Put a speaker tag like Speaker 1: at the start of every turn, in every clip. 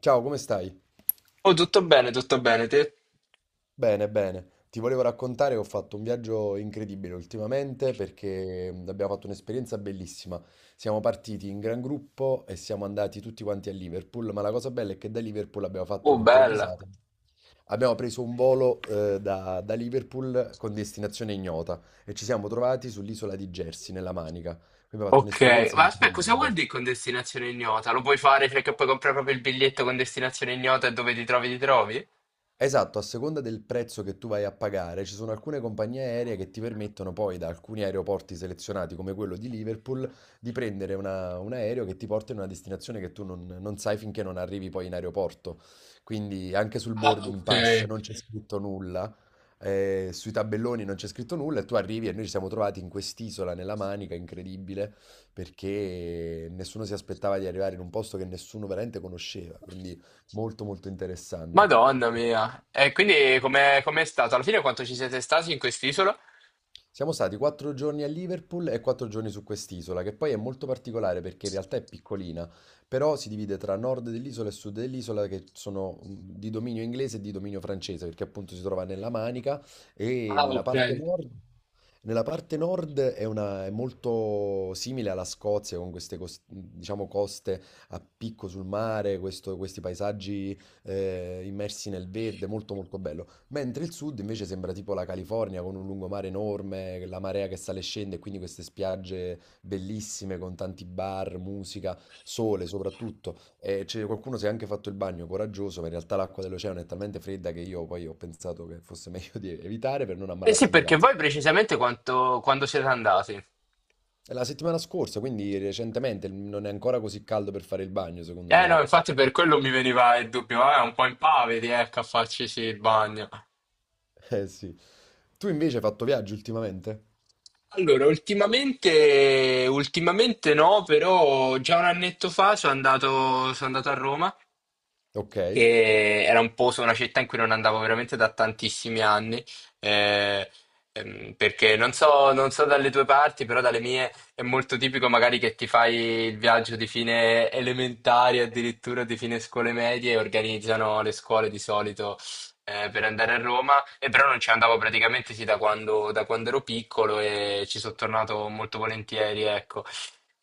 Speaker 1: Ciao, come stai?
Speaker 2: Oh, tutto bene, te?
Speaker 1: Bene, bene. Ti volevo raccontare che ho fatto un viaggio incredibile ultimamente perché abbiamo fatto un'esperienza bellissima. Siamo partiti in gran gruppo e siamo andati tutti quanti a Liverpool, ma la cosa bella è che da Liverpool abbiamo fatto
Speaker 2: Oh, bella.
Speaker 1: un'improvvisata. Abbiamo preso un volo da Liverpool con destinazione ignota e ci siamo trovati sull'isola di Jersey, nella Manica. Quindi abbiamo fatto
Speaker 2: Ok,
Speaker 1: un'esperienza
Speaker 2: ma aspetta, cosa vuol
Speaker 1: incredibile.
Speaker 2: dire con destinazione ignota? Lo puoi fare perché puoi comprare proprio il biglietto con destinazione ignota e dove ti trovi, ti trovi?
Speaker 1: Esatto, a seconda del prezzo che tu vai a pagare, ci sono alcune compagnie aeree che ti permettono poi da alcuni aeroporti selezionati, come quello di Liverpool, di prendere un aereo che ti porta in una destinazione che tu non sai finché non arrivi poi in aeroporto. Quindi anche sul
Speaker 2: Ah,
Speaker 1: boarding
Speaker 2: ok.
Speaker 1: pass non c'è scritto nulla, sui tabelloni non c'è scritto nulla e tu arrivi e noi ci siamo trovati in quest'isola, nella Manica, incredibile, perché nessuno si aspettava di arrivare in un posto che nessuno veramente conosceva, quindi molto molto interessante.
Speaker 2: Madonna mia. E quindi com'è stato? Alla fine quanto ci siete stati in quest'isola?
Speaker 1: Siamo stati 4 giorni a Liverpool e 4 giorni su quest'isola, che poi è molto particolare perché in realtà è piccolina, però si divide tra nord dell'isola e sud dell'isola che sono di dominio inglese e di dominio francese, perché appunto si trova nella Manica e
Speaker 2: Ah, ok.
Speaker 1: nella parte nord è molto simile alla Scozia, con queste diciamo, coste a picco sul mare, questi paesaggi immersi nel verde, molto molto bello. Mentre il sud invece sembra tipo la California con un lungomare enorme, la marea che sale e scende, e quindi queste spiagge bellissime con tanti bar, musica, sole soprattutto. E c'è qualcuno si è anche fatto il bagno coraggioso, ma in realtà l'acqua dell'oceano è talmente fredda che io poi ho pensato che fosse meglio di evitare per non
Speaker 2: Eh sì,
Speaker 1: ammalarsi in
Speaker 2: perché
Speaker 1: vacanza.
Speaker 2: voi precisamente quanto, quando siete andati?
Speaker 1: È la settimana scorsa, quindi recentemente, non è ancora così caldo per fare il bagno, secondo
Speaker 2: Eh
Speaker 1: me,
Speaker 2: no,
Speaker 1: ecco.
Speaker 2: infatti per quello mi veniva il dubbio, un po' impavidi, ecco, a farci sì il bagno.
Speaker 1: Eh sì. Tu invece hai fatto viaggio ultimamente?
Speaker 2: Allora, ultimamente, ultimamente no, però già un annetto fa sono andato a Roma,
Speaker 1: Ok.
Speaker 2: che era un posto, una città in cui non andavo veramente da tantissimi anni, eh, perché non so, non so dalle tue parti, però dalle mie è molto tipico magari che ti fai il viaggio di fine elementare, addirittura di fine scuole medie, e organizzano le scuole di solito per andare a Roma e però non ci andavo praticamente sì, da quando ero piccolo e ci sono tornato molto volentieri, ecco.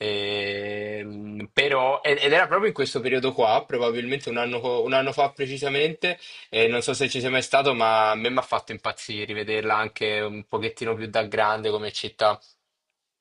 Speaker 2: Però, ed era proprio in questo periodo qua, probabilmente un anno, un anno fa precisamente, e non so se ci sei mai stato, ma a me mi ha fatto impazzire rivederla anche un pochettino più da grande come città.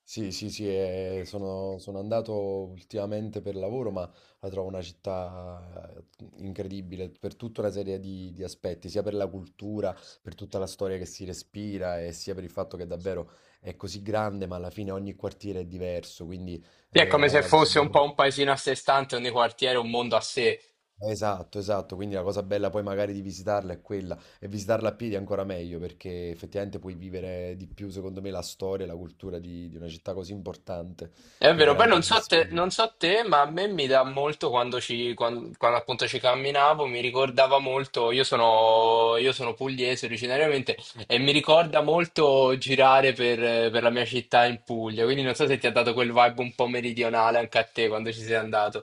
Speaker 1: Sì, sì, sì, sono andato ultimamente per lavoro, ma la trovo una città incredibile per tutta una serie di aspetti, sia per la cultura, per tutta la storia che si respira e sia per il fatto che davvero è così grande, ma alla fine ogni quartiere è diverso, quindi
Speaker 2: Sì, è come
Speaker 1: hai
Speaker 2: se
Speaker 1: la
Speaker 2: fosse un
Speaker 1: possibilità.
Speaker 2: po' un paesino a sé stante, ogni quartiere un mondo a sé.
Speaker 1: Esatto, esatto, quindi la cosa bella poi magari di visitarla è quella e visitarla a piedi è ancora meglio perché effettivamente puoi vivere di più, secondo me, la storia e la cultura di una città così importante
Speaker 2: È
Speaker 1: che
Speaker 2: vero, poi
Speaker 1: veramente è
Speaker 2: non
Speaker 1: una
Speaker 2: so te,
Speaker 1: sfida.
Speaker 2: non so te, ma a me mi dà molto quando appunto ci camminavo, mi ricordava molto, io sono pugliese originariamente e mi ricorda molto girare per la mia città in Puglia, quindi non so se ti ha dato quel vibe un po' meridionale anche a te quando ci sei andato.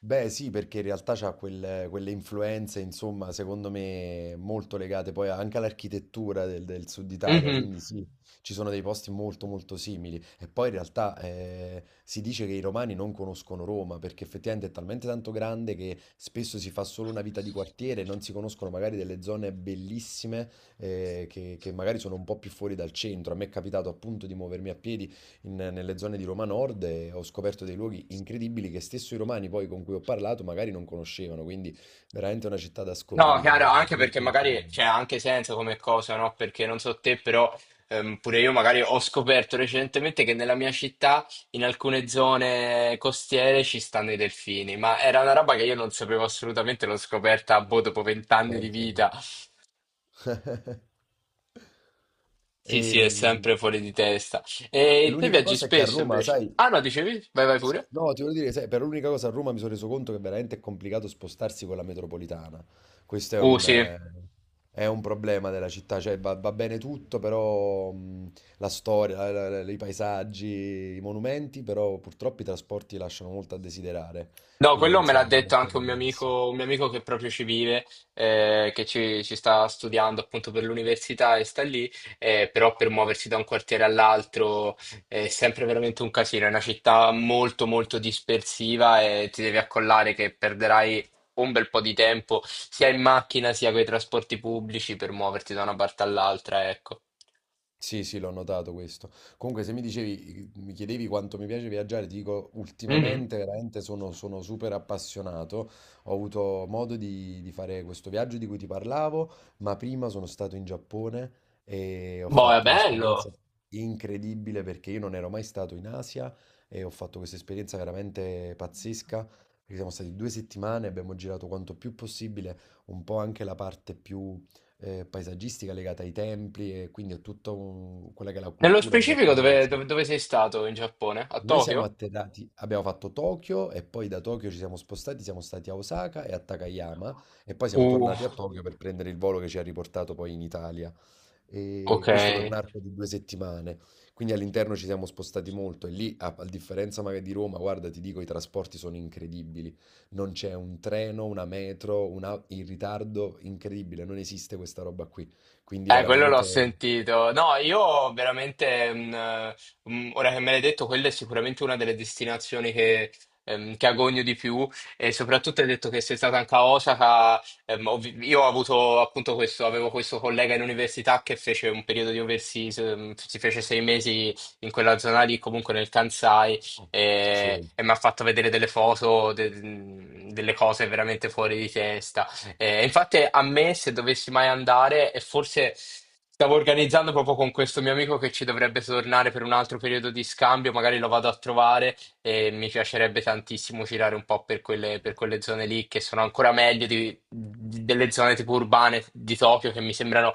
Speaker 1: Beh, sì, perché in realtà c'ha quelle influenze, insomma, secondo me molto legate poi anche all'architettura del sud Italia,
Speaker 2: Mhm.
Speaker 1: quindi sì, ci sono dei posti molto molto simili. E poi in realtà si dice che i romani non conoscono Roma, perché effettivamente è talmente tanto grande che spesso si fa solo una vita di quartiere, non si conoscono magari delle zone bellissime che magari sono un po' più fuori dal centro. A me è capitato appunto di muovermi a piedi nelle zone di Roma Nord e ho scoperto dei luoghi incredibili che stesso i romani poi con cui ho parlato magari non conoscevano, quindi veramente una città da
Speaker 2: No, Chiara,
Speaker 1: scoprire,
Speaker 2: anche perché
Speaker 1: molto molto
Speaker 2: magari
Speaker 1: bella.
Speaker 2: c'è anche senso come cosa, no? Perché non so te, però pure io magari ho scoperto recentemente che nella mia città, in alcune zone costiere, ci stanno i delfini, ma era una roba che io non sapevo assolutamente, l'ho scoperta, boh, dopo 20 anni di
Speaker 1: Pensa tu.
Speaker 2: vita. Sì,
Speaker 1: E
Speaker 2: sì, è sempre fuori di testa. E te
Speaker 1: l'unica
Speaker 2: viaggi
Speaker 1: cosa è che a
Speaker 2: spesso
Speaker 1: Roma,
Speaker 2: invece?
Speaker 1: sai.
Speaker 2: Ah no, dicevi? Vai, vai
Speaker 1: Sì.
Speaker 2: pure.
Speaker 1: No, ti voglio dire, sai, per l'unica cosa a Roma mi sono reso conto che veramente è complicato spostarsi con la metropolitana. Questo è un,
Speaker 2: Sì.
Speaker 1: eh, è un problema della città, cioè va bene tutto, però la storia, i paesaggi, i monumenti, però purtroppo i trasporti lasciano molto a desiderare.
Speaker 2: No,
Speaker 1: Quindi,
Speaker 2: quello me l'ha
Speaker 1: insomma, non
Speaker 2: detto
Speaker 1: è
Speaker 2: anche
Speaker 1: proprio il massimo.
Speaker 2: un mio amico che proprio ci vive, che ci sta studiando appunto per l'università e sta lì, però per muoversi da un quartiere all'altro è sempre veramente un casino. È una città molto molto dispersiva e ti devi accollare che perderai un bel po' di tempo sia in macchina sia con i trasporti pubblici per muoverti da una parte all'altra, ecco.
Speaker 1: Sì, sì, l'ho notato questo. Comunque, se mi dicevi, mi chiedevi quanto mi piace viaggiare, ti dico,
Speaker 2: Mhm.
Speaker 1: ultimamente veramente sono super appassionato. Ho avuto modo di fare questo viaggio di cui ti parlavo, ma prima sono stato in Giappone e ho
Speaker 2: Boh, è
Speaker 1: fatto un'esperienza
Speaker 2: bello.
Speaker 1: incredibile perché io non ero mai stato in Asia e ho fatto questa esperienza veramente pazzesca. Perché siamo stati 2 settimane, abbiamo girato quanto più possibile, un po' anche la parte più paesaggistica legata ai templi e quindi a tutta quella che è la
Speaker 2: Nello
Speaker 1: cultura
Speaker 2: specifico
Speaker 1: giapponese.
Speaker 2: dove sei stato in Giappone? A
Speaker 1: Noi siamo
Speaker 2: Tokyo?
Speaker 1: atterrati, abbiamo fatto Tokyo e poi da Tokyo ci siamo spostati, siamo stati a Osaka e a Takayama e poi siamo
Speaker 2: Uh.
Speaker 1: tornati a Tokyo per prendere il volo che ci ha riportato poi in Italia. E
Speaker 2: Ok,
Speaker 1: questo per un arco di 2 settimane. Quindi all'interno ci siamo spostati molto e lì, a differenza magari di Roma, guarda, ti dico, i trasporti sono incredibili. Non c'è un treno, una metro, una, in ritardo incredibile, non esiste questa roba qui. Quindi
Speaker 2: quello l'ho
Speaker 1: veramente.
Speaker 2: sentito. No, io veramente, ora che me l'hai detto, quella è sicuramente una delle destinazioni che agogno di più e soprattutto hai detto che sei stata anche a Osaka. Io ho avuto appunto questo, avevo questo collega in università che fece un periodo di overseas, si fece 6 mesi in quella zona lì, comunque nel Kansai,
Speaker 1: Sì.
Speaker 2: e mi ha fatto vedere delle foto, delle cose veramente fuori di testa. Infatti a me se dovessi mai andare, e forse stavo organizzando proprio con questo mio amico che ci dovrebbe tornare per un altro periodo di scambio, magari lo vado a trovare e mi piacerebbe tantissimo girare un po' per quelle zone lì che sono ancora meglio delle zone tipo urbane di Tokyo che mi sembrano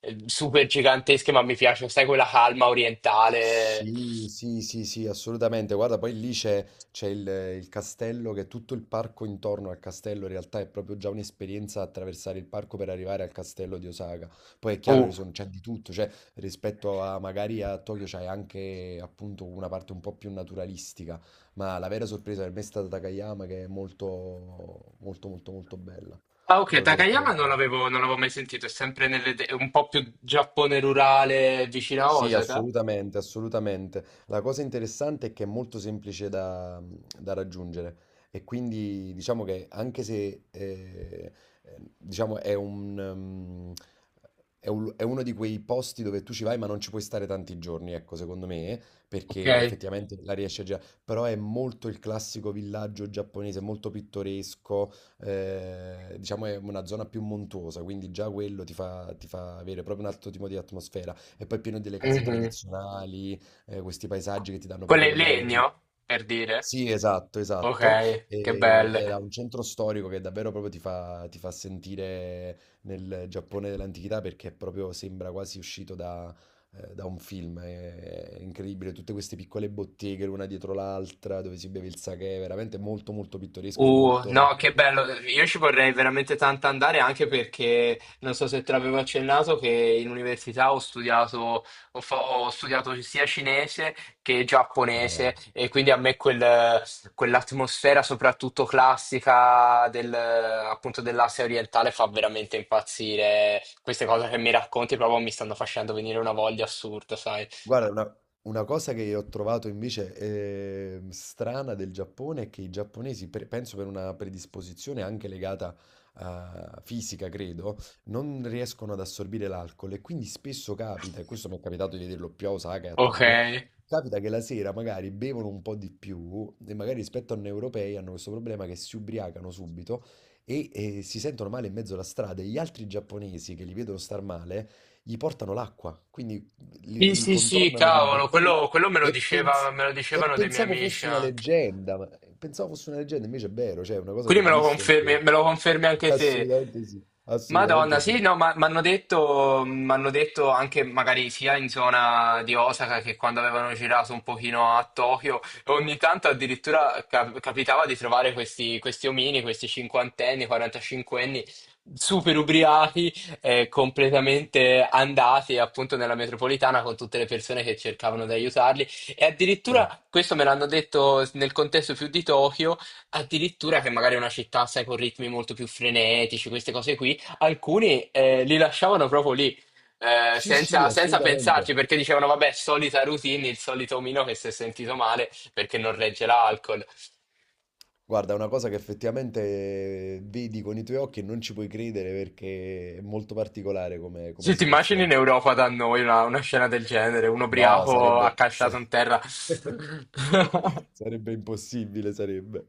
Speaker 2: super gigantesche, ma mi piace, sai, quella calma orientale.
Speaker 1: Sì, sì, sì, sì, assolutamente. Guarda, poi lì c'è il castello, che tutto il parco intorno al castello in realtà è proprio già un'esperienza attraversare il parco per arrivare al castello di Osaka. Poi è chiaro che
Speaker 2: Uh.
Speaker 1: c'è di tutto, cioè rispetto a magari a Tokyo c'è anche appunto una parte un po' più naturalistica, ma la vera sorpresa per me è stata Takayama che è molto, molto, molto, molto bella.
Speaker 2: Ah, ok,
Speaker 1: Lo
Speaker 2: Takayama
Speaker 1: trovo.
Speaker 2: non l'avevo mai sentito, è sempre nelle un po' più Giappone rurale vicino a
Speaker 1: Sì,
Speaker 2: Osaka.
Speaker 1: assolutamente, assolutamente. La cosa interessante è che è molto semplice da raggiungere e quindi diciamo che anche se diciamo è uno di quei posti dove tu ci vai ma non ci puoi stare tanti giorni, ecco, secondo me,
Speaker 2: Ok.
Speaker 1: perché effettivamente la riesci a girare, però è molto il classico villaggio giapponese, molto pittoresco, diciamo è una zona più montuosa, quindi già quello ti fa avere proprio un altro tipo di atmosfera e poi è pieno delle case
Speaker 2: Mhm.
Speaker 1: tradizionali, questi paesaggi che ti danno
Speaker 2: Quello è
Speaker 1: proprio
Speaker 2: in
Speaker 1: quell'area di.
Speaker 2: legno, per dire.
Speaker 1: Sì, esatto, esatto.
Speaker 2: Ok, che
Speaker 1: E,
Speaker 2: bello.
Speaker 1: ed ha un centro storico che davvero proprio ti fa sentire nel Giappone dell'antichità perché proprio sembra quasi uscito da un film. È incredibile, tutte queste piccole botteghe l'una dietro l'altra dove si beve il sake, veramente molto molto pittoresco e molto.
Speaker 2: No, che bello, io ci vorrei veramente tanto andare anche perché non so se te l'avevo accennato che in università ho studiato, ho studiato sia cinese che
Speaker 1: eh,
Speaker 2: giapponese e quindi a me quell'atmosfera soprattutto classica del, appunto dell'Asia orientale fa veramente impazzire. Queste cose che mi racconti proprio mi stanno facendo venire una voglia assurda, sai?
Speaker 1: Guarda, una cosa che ho trovato invece strana del Giappone è che i giapponesi, penso per una predisposizione anche legata a fisica, credo, non riescono ad assorbire l'alcol e quindi spesso capita, e questo mi è capitato di vederlo più a Osaka e a
Speaker 2: Ok.
Speaker 1: Tokyo, capita che la sera magari bevono un po' di più e magari rispetto a noi europei hanno questo problema che si ubriacano subito e, si sentono male in mezzo alla strada e gli altri giapponesi che li vedono star male gli portano l'acqua. Quindi li,
Speaker 2: Sì,
Speaker 1: li
Speaker 2: sì, sì,
Speaker 1: contornano di
Speaker 2: cavolo,
Speaker 1: bottiglie
Speaker 2: quello,
Speaker 1: e, pens-
Speaker 2: me lo
Speaker 1: e
Speaker 2: dicevano dei miei
Speaker 1: pensavo
Speaker 2: amici
Speaker 1: fosse una
Speaker 2: anche.
Speaker 1: leggenda, ma pensavo fosse una leggenda, invece è vero, cioè è una cosa che
Speaker 2: Quindi
Speaker 1: ho visto.
Speaker 2: me lo confermi anche te.
Speaker 1: Assolutamente sì,
Speaker 2: Madonna,
Speaker 1: assolutamente
Speaker 2: sì,
Speaker 1: sì.
Speaker 2: no, ma mi hanno detto, m'hanno detto anche magari sia in zona di Osaka che quando avevano girato un pochino a Tokyo, ogni tanto addirittura capitava di trovare questi, questi omini, questi cinquantenni, quarantacinquenni, super ubriachi, completamente andati appunto nella metropolitana con tutte le persone che cercavano di aiutarli. E
Speaker 1: Cioè,
Speaker 2: addirittura questo me l'hanno detto nel contesto più di Tokyo. Addirittura che magari è una città, sai, con ritmi molto più frenetici, queste cose qui, alcuni li lasciavano proprio lì,
Speaker 1: sì, sì,
Speaker 2: senza
Speaker 1: assolutamente.
Speaker 2: pensarci, perché dicevano, vabbè, solita routine, il solito omino che si è sentito male perché non regge l'alcol.
Speaker 1: Guarda, è una cosa che effettivamente vedi con i tuoi occhi e non ci puoi credere perché è molto particolare come
Speaker 2: Se ti immagini in
Speaker 1: situazione.
Speaker 2: Europa da noi una scena del genere, un
Speaker 1: No,
Speaker 2: ubriaco accasciato in terra.
Speaker 1: sarebbe impossibile, sarebbe.